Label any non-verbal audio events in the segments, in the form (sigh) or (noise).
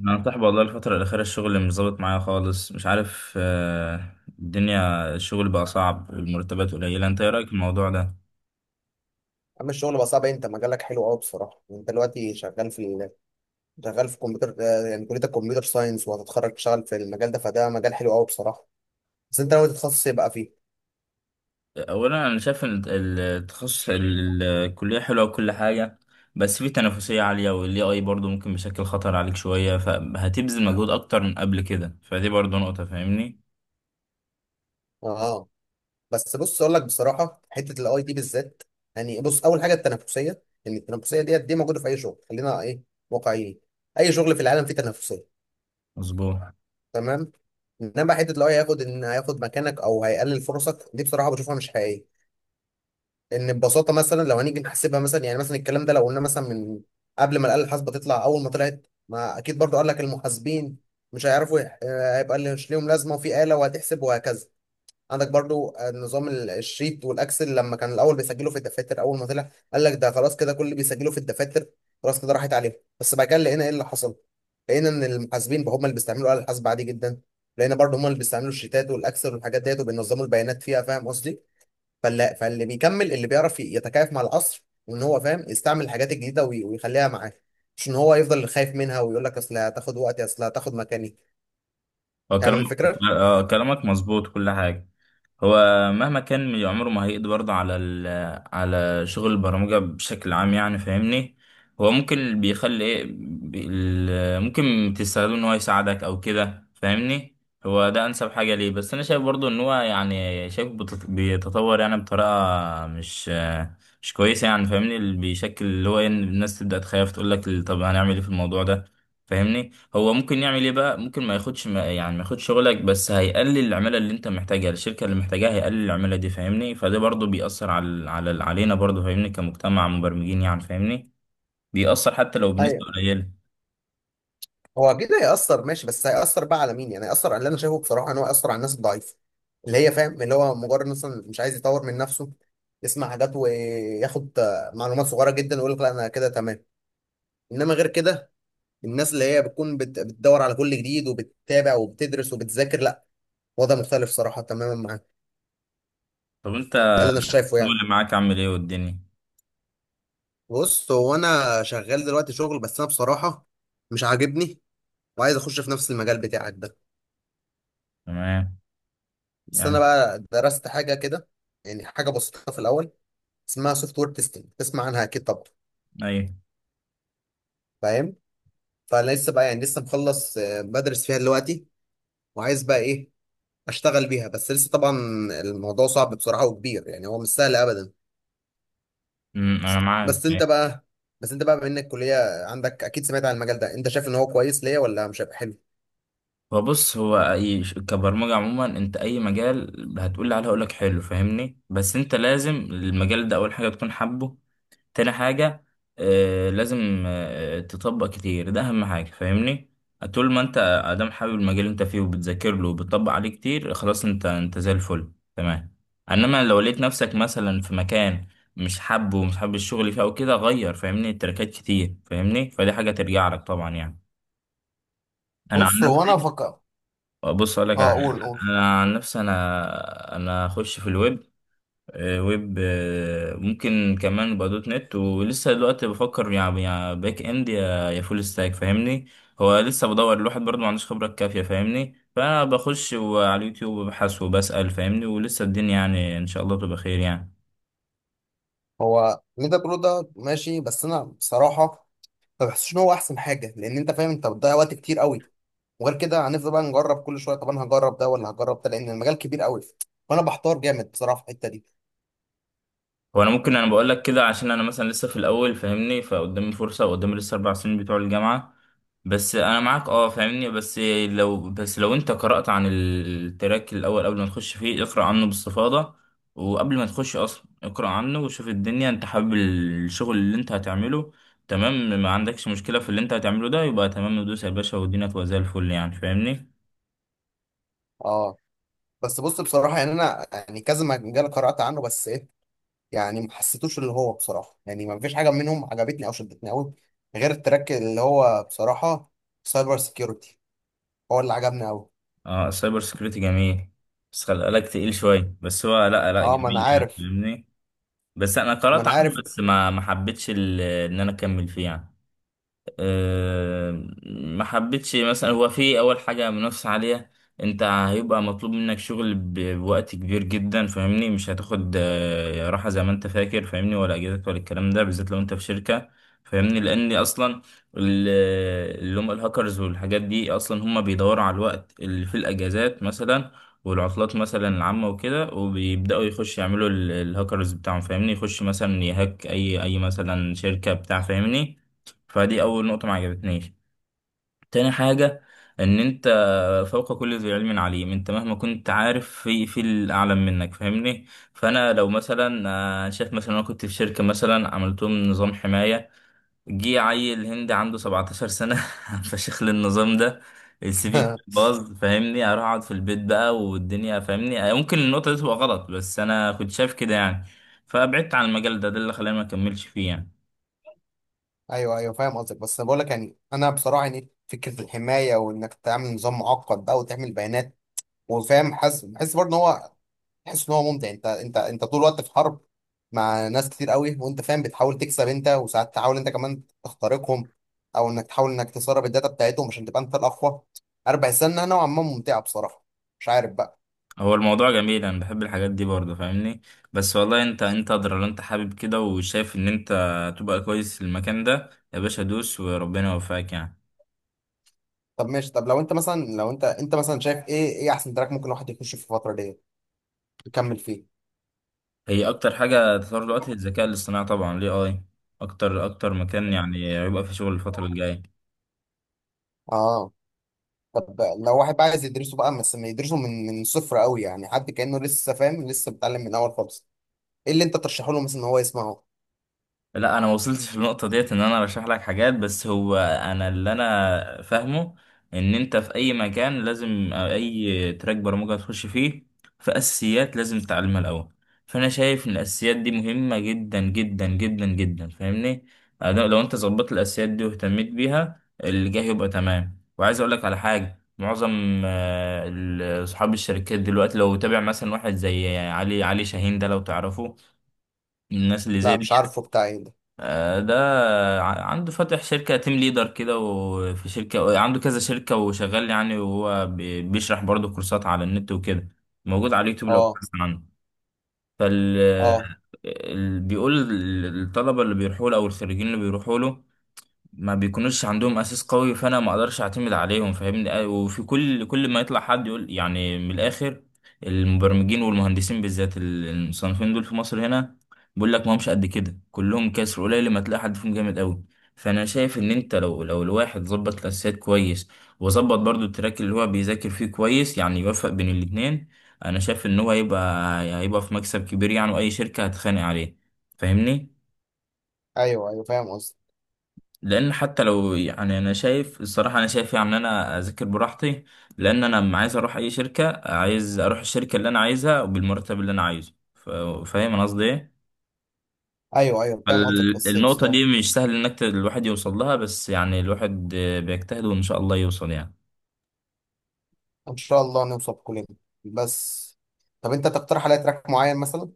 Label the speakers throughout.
Speaker 1: انا مفتاح، والله الفترة الأخيرة الشغل مش ظابط معايا خالص، مش عارف. الدنيا الشغل بقى صعب والمرتبات قليلة، انت ايه رأيك في الموضوع ده؟
Speaker 2: عم، الشغل بقى صعب. انت مجالك حلو قوي بصراحه. انت دلوقتي شغال في كمبيوتر، يعني كليه الكمبيوتر ساينس، وهتتخرج تشتغل في المجال ده، فده مجال حلو قوي بصراحه. بس انت ناوي تتخصص يبقى فيه.
Speaker 1: أولا أنا شايف إن التخصص الكلية حلوة وكل حاجة، بس في تنافسية عالية، وال AI برضه ممكن بيشكل خطر عليك شوية، فهتبذل مجهود أكتر من قبل كده، فدي برضه نقطة. فاهمني؟
Speaker 2: اه. بس بص، اقول لك بصراحه، حته الاي تي بالذات، يعني بص، اول حاجه التنافسيه، يعني التنافسيه ديت دي موجوده في اي شغل، خلينا ايه، واقعيين. اي شغل في العالم فيه تنافسيه،
Speaker 1: مظبوط.
Speaker 2: تمام. انما حته الاي هياخد هياخد مكانك او هيقلل فرصك، دي بصراحه بشوفها مش حقيقيه. ان ببساطه مثلا، لو هنيجي نحسبها مثلا، يعني مثلا الكلام ده، لو قلنا مثلا، من قبل ما الاله الحاسبه تطلع، اول ما طلعت، ما اكيد برضو قال لك المحاسبين مش هيعرفوا هيبقى مش ليهم لازمه، وفي اله وهتحسب وهكذا. عندك برضو، نظام الشيت والاكسل، لما كان الاول بيسجلوا في الدفاتر، اول ما طلع قال لك ده خلاص كده، كل اللي بيسجلوا في الدفاتر خلاص كده راحت عليهم. بس بعد كده لقينا ايه اللي حصل؟ لقينا ان المحاسبين بقى هم اللي بيستعملوا الاله الحاسبه عادي جدا. لقينا برضو هم اللي بيستعملوا الشيتات والاكسل والحاجات ديت، وبينظموا البيانات فيها. فاهم قصدي؟ فاللي بيكمل اللي بيعرف يتكيف مع العصر، وان هو فاهم يستعمل الحاجات الجديده ويخليها معاه، مش ان هو يفضل خايف منها ويقول لك اصل هتاخد وقتي، اصل هتاخد مكاني.
Speaker 1: هو
Speaker 2: فاهم
Speaker 1: كلامك
Speaker 2: الفكره؟
Speaker 1: كلامك مظبوط كل حاجة. هو مهما كان من عمره، ما هيقضي برضه على شغل البرمجة بشكل عام يعني. فاهمني؟ هو ممكن اللي بيخلي ايه ممكن تستخدمه ان هو يساعدك او كده. فاهمني؟ هو ده انسب حاجة ليه، بس انا شايف برضه ان هو يعني شايف بيتطور يعني بطريقة مش كويسة يعني. فاهمني؟ اللي بيشكل اللي هو إن الناس تبدأ تخاف تقول لك طب هنعمل ايه في الموضوع ده. فاهمني؟ هو ممكن يعمل ايه بقى، ممكن ما ياخدش، ما يعني ما ياخدش شغلك، بس هيقلل العمالة اللي انت محتاجها، الشركة اللي محتاجاها هيقلل العمالة دي. فاهمني؟ فده برضو بيأثر على على علينا برضو. فاهمني كمجتمع مبرمجين يعني. فاهمني؟ بيأثر حتى لو
Speaker 2: ايوه.
Speaker 1: بنسبة قليلة.
Speaker 2: هو اكيد هيأثر ماشي، بس هيأثر بقى على مين؟ يعني هيأثر على اللي انا شايفه بصراحه ان هو هيأثر على الناس الضعيفه، اللي هي، فاهم، اللي هو مجرد مثلا مش عايز يطور من نفسه، يسمع حاجات وياخد معلومات صغيره جدا ويقول لك لا انا كده تمام. انما غير كده، الناس اللي هي بتكون بتدور على كل جديد، وبتتابع وبتدرس وبتذاكر، لا، وضع مختلف صراحه تماما معاك.
Speaker 1: طب انت،
Speaker 2: ده اللي انا شايفه
Speaker 1: الشغل
Speaker 2: يعني.
Speaker 1: اللي معاك عامل ايه والدنيا؟
Speaker 2: بص، هو انا شغال دلوقتي شغل، بس انا بصراحه مش عاجبني، وعايز اخش في نفس المجال بتاعك ده.
Speaker 1: تمام
Speaker 2: بس انا
Speaker 1: يعني.
Speaker 2: بقى درست حاجه كده، يعني حاجه بسيطه في الاول، اسمها سوفت وير تيستنج، تسمع عنها اكيد طبعا.
Speaker 1: ايوه.
Speaker 2: فاهم. فانا لسه بقى، يعني لسه مخلص، بدرس فيها دلوقتي، وعايز بقى ايه، اشتغل بيها، بس لسه طبعا الموضوع صعب بصراحه وكبير، يعني هو مش سهل ابدا.
Speaker 1: انا معاك.
Speaker 2: بس
Speaker 1: أيوه.
Speaker 2: انت بقى بس انت بقى بما انك كليه عندك، اكيد سمعت عن المجال ده، انت شايف ان هو كويس ليا، ولا مش هيبقى حلو؟
Speaker 1: هو بص، هو اي كبرمجة عموما، انت اي مجال هتقول لي عليه هقول لك حلو. فاهمني؟ بس انت لازم المجال ده اول حاجة تكون حابه، تاني حاجة لازم تطبق كتير، ده أهم حاجة. فاهمني؟ طول ما أنت أدام حابب المجال اللي أنت فيه وبتذاكر له وبتطبق عليه كتير، خلاص أنت زي الفل تمام. إنما لو لقيت نفسك مثلا في مكان مش حابه ومش حابب الشغل فيه أو كده، غير فاهمني تركات كتير. فاهمني؟ فدي حاجة ترجع لك طبعا يعني. أنا عن
Speaker 2: بص هو انا
Speaker 1: نفسي.
Speaker 2: فكر.
Speaker 1: بص أقول لك على
Speaker 2: اه،
Speaker 1: حاجة.
Speaker 2: قول قول.
Speaker 1: أنا عن نفسي أنا أخش في الويب. ويب ممكن كمان يبقى دوت نت. ولسه دلوقتي بفكر يعني، يا باك اند يا فول ستاك. فاهمني؟ هو لسه بدور، الواحد برضه ما عندوش خبرة كافية. فاهمني؟ فانا بخش على اليوتيوب وببحث وبسأل. فاهمني؟ ولسه الدنيا، يعني ان شاء الله تبقى خير يعني.
Speaker 2: هو ليدا برو ده ماشي، بس انا بصراحه ما بحسش ان هو احسن حاجه، لان انت فاهم، انت بتضيع وقت كتير قوي. وغير كده هنفضل بقى نجرب كل شويه، طب انا هجرب ده ولا هجرب ده، لان المجال كبير قوي، فانا بحتار جامد بصراحه في الحته دي.
Speaker 1: هو انا ممكن انا بقول لك كده عشان انا مثلا لسه في الاول. فاهمني؟ فقدامي فرصه وقدامي لسه 4 سنين بتوع الجامعه. بس انا معاك اه، فاهمني. بس لو انت قرات عن التراك الاول قبل ما تخش فيه، اقرا عنه باستفاضه. وقبل ما تخش اصلا اقرا عنه وشوف الدنيا، انت حابب الشغل اللي انت هتعمله، تمام؟ ما عندكش مشكله في اللي انت هتعمله ده، يبقى تمام، ندوس يا باشا والدنيا تبقى زي الفل يعني. فاهمني؟
Speaker 2: اه، بس بص بصراحه يعني، انا يعني كذا مجال قرات عنه، بس ايه، يعني ما حسيتوش اللي هو، بصراحه يعني، ما فيش حاجه منهم عجبتني او شدتني قوي، غير التراك اللي هو بصراحه سايبر سيكيورتي، هو اللي عجبني قوي.
Speaker 1: اه، السايبر سكيورتي جميل، بس خلي بالك تقيل شويه، بس هو لا، لا،
Speaker 2: اه،
Speaker 1: جميل
Speaker 2: ما انا
Speaker 1: يعني.
Speaker 2: عارف.
Speaker 1: فاهمني؟ بس انا قرأت
Speaker 2: ما انا
Speaker 1: عنه
Speaker 2: عارف.
Speaker 1: بس ما حبيتش ان انا اكمل فيه يعني. آه، ما حبيتش مثلا، هو في اول حاجه منافسه عاليه. انت هيبقى مطلوب منك شغل بوقت كبير جدا. فاهمني؟ مش هتاخد راحه زي ما انت فاكر. فاهمني؟ ولا اجازات ولا الكلام ده بالذات لو انت في شركه. فاهمني؟ لان اصلا ال- اللي هم الهاكرز والحاجات دي اصلا هم بيدوروا على الوقت اللي في الاجازات مثلا، والعطلات مثلا العامه وكده، وبيبداوا يخشوا يعملوا الهاكرز بتاعهم. فاهمني؟ يخش مثلا يهاك اي مثلا شركه بتاع. فاهمني؟ فدي اول نقطة ما عجبتنيش. تاني حاجة، ان انت فوق كل ذي علم عليم، انت مهما كنت عارف في الاعلم منك. فاهمني؟ فانا لو مثلا شايف مثلا، انا كنت في شركة مثلا، عملت لهم نظام حماية، جه عيل هندي عنده 17 سنة (laughs) فشخ للنظام ده، السي في
Speaker 2: (laughs)
Speaker 1: باظ. فاهمني؟ اروح اقعد في البيت بقى والدنيا. فاهمني؟ ممكن النقطة دي تبقى غلط بس انا كنت شايف كده يعني. فبعدت عن المجال ده، ده اللي خلاني ما اكملش فيه يعني.
Speaker 2: ايوه، ايوه، فاهم قصدك. بس انا بقول لك، يعني انا بصراحه، يعني فكره الحمايه وانك تعمل نظام معقد بقى، وتعمل بيانات وفاهم، حاسس، بحس برضه ان هو، تحس ان هو ممتع، انت، انت طول الوقت في حرب مع ناس كتير قوي، وانت فاهم بتحاول تكسب انت، وساعات تحاول انت كمان تخترقهم، او انك تحاول انك تسرب الداتا بتاعتهم عشان تبقى انت الاقوى. انا بحس انها نوعا ما ممتعه بصراحه، مش عارف بقى.
Speaker 1: هو الموضوع جميل، انا بحب الحاجات دي برضه. فاهمني؟ بس والله انت ادرى، لو انت حابب كده وشايف ان انت تبقى كويس في المكان ده، يا باشا دوس وربنا يوفقك يعني.
Speaker 2: طب ماشي، طب لو انت مثلا، شايف ايه، ايه احسن تراك ممكن الواحد يخش في الفتره دي، يكمل فيه؟
Speaker 1: هي اكتر حاجه تطور دلوقتي الذكاء الاصطناعي طبعا، ليه اي اكتر اكتر مكان يعني هيبقى في شغل الفتره الجايه.
Speaker 2: اه، طب لو واحد عايز يدرسه بقى، بس ما يدرسه من صفر قوي، يعني حد كأنه لسه فاهم، لسه بيتعلم من اول خالص، ايه اللي انت ترشحه له مثلا ان هو يسمعه؟
Speaker 1: لا، انا ما وصلتش للنقطه ديت ان انا ارشح لك حاجات. بس هو انا اللي انا فاهمه، ان انت في اي مكان لازم، أو اي تراك برمجه تخش فيه، في اساسيات لازم تتعلمها الاول. فانا شايف ان الاساسيات دي مهمه جدا جدا جدا جدا. فاهمني؟ أنا لو انت ظبطت الاساسيات دي واهتميت بيها، اللي جاي يبقى تمام. وعايز اقول لك على حاجه، معظم اصحاب الشركات دلوقتي، لو تابع مثلا واحد زي علي شاهين ده لو تعرفه، من الناس اللي
Speaker 2: لا
Speaker 1: زي دي،
Speaker 2: مش عارفه بتاع ايه ده.
Speaker 1: ده عنده فاتح شركة تيم ليدر كده، وفي شركة عنده، كذا شركة وشغال يعني. وهو بيشرح برضه كورسات على النت وكده، موجود على اليوتيوب لو
Speaker 2: اه.
Speaker 1: بحثت عنه. فال
Speaker 2: اه.
Speaker 1: بيقول الطلبة اللي بيروحوا له أو الخريجين اللي بيروحوا له، ما بيكونوش عندهم اساس قوي، فانا ما اقدرش اعتمد عليهم. فاهمني؟ وفي كل ما يطلع حد يقول، يعني من الاخر، المبرمجين والمهندسين بالذات المصنفين دول في مصر هنا، بيقول لك ما همش قد كده، كلهم كسر قليل ما تلاقي حد فيهم جامد قوي. فانا شايف ان انت لو الواحد ظبط الاساسيات كويس، وظبط برضو التراك اللي هو بيذاكر فيه كويس يعني، يوفق بين الاتنين، انا شايف ان هو هيبقى في مكسب كبير يعني، واي شركة هتخانق عليه. فاهمني؟
Speaker 2: ايوه، ايوه، فاهم قصدك.
Speaker 1: لان حتى لو، يعني انا شايف الصراحه، انا شايف يعني ان انا اذاكر براحتي، لان انا لما عايز اروح اي شركه، عايز اروح الشركه اللي انا عايزها وبالمرتب اللي انا عايزه. فاهم انا قصدي ايه؟
Speaker 2: ايوه، ايوه، فاهم قصدك، بس
Speaker 1: النقطه دي
Speaker 2: بصراحه.
Speaker 1: مش سهل انك الواحد يوصل لها، بس يعني الواحد بيجتهد وان شاء الله يوصل يعني.
Speaker 2: ان شاء الله نوصل كلنا. بس، طب انت تقترح عليا تراك معين مثلا؟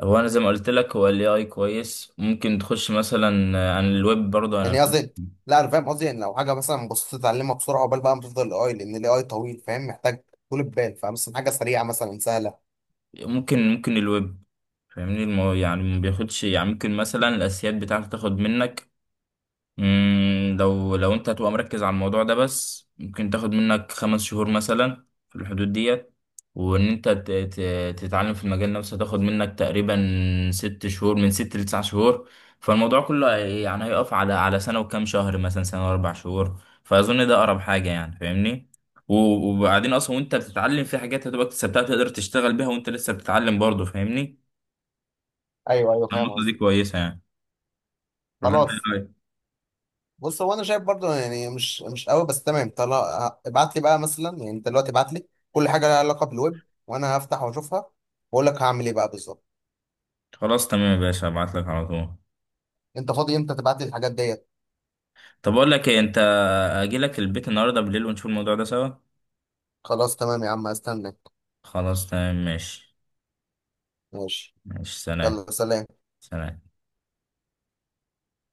Speaker 1: هو انا زي ما قلت لك، هو الاي اي كويس، ممكن تخش مثلا عن الويب برضه. انا
Speaker 2: يعني قصدي، لا انا فاهم قصدي، يعني لو حاجه مثلا بسيطه تتعلمها بسرعه، قبل بقى ما تفضل الاي، لان الاي طويل فاهم، محتاج طول البال، فمثلا حاجه سريعه مثلا، سهله.
Speaker 1: ممكن الويب. فاهمني؟ يعني ما بياخدش يعني، ممكن مثلا الاساسيات بتاعته تاخد منك. لو انت هتبقى مركز على الموضوع ده بس، ممكن تاخد منك 5 شهور مثلا في الحدود ديت. وان انت تتعلم في المجال نفسه، هتاخد منك تقريبا 6 شهور، من 6 لـ 9 شهور. فالموضوع كله يعني هيقف على سنة وكام شهر، مثلا سنة و4 شهور. فاظن ده اقرب حاجة يعني. فاهمني؟ وبعدين اصلا، وانت بتتعلم في حاجات هتبقى اكتسبتها، تقدر تشتغل بيها وانت لسه بتتعلم برضه. فاهمني؟
Speaker 2: ايوه، ايوه، فاهم
Speaker 1: النقطة دي
Speaker 2: قصدك.
Speaker 1: كويسة يعني، ولا انت
Speaker 2: خلاص.
Speaker 1: إيه رأيك؟
Speaker 2: بص هو انا شايف برضو يعني مش قوي، بس تمام، طلع ابعت لي بقى مثلا، يعني انت دلوقتي ابعت لي كل حاجه لها علاقه بالويب، وانا هفتح واشوفها واقول لك هعمل ايه بقى بالظبط.
Speaker 1: خلاص تمام يا باشا، هبعت لك على طول.
Speaker 2: انت فاضي امتى تبعت لي الحاجات ديت؟
Speaker 1: طب اقول لك ايه، انت اجي لك البيت النهارده بالليل ونشوف الموضوع ده سوا.
Speaker 2: خلاص تمام يا عم، استنى.
Speaker 1: خلاص تمام، ماشي.
Speaker 2: ماشي.
Speaker 1: ماشي، سلام.
Speaker 2: يلا سلام.
Speaker 1: سلام.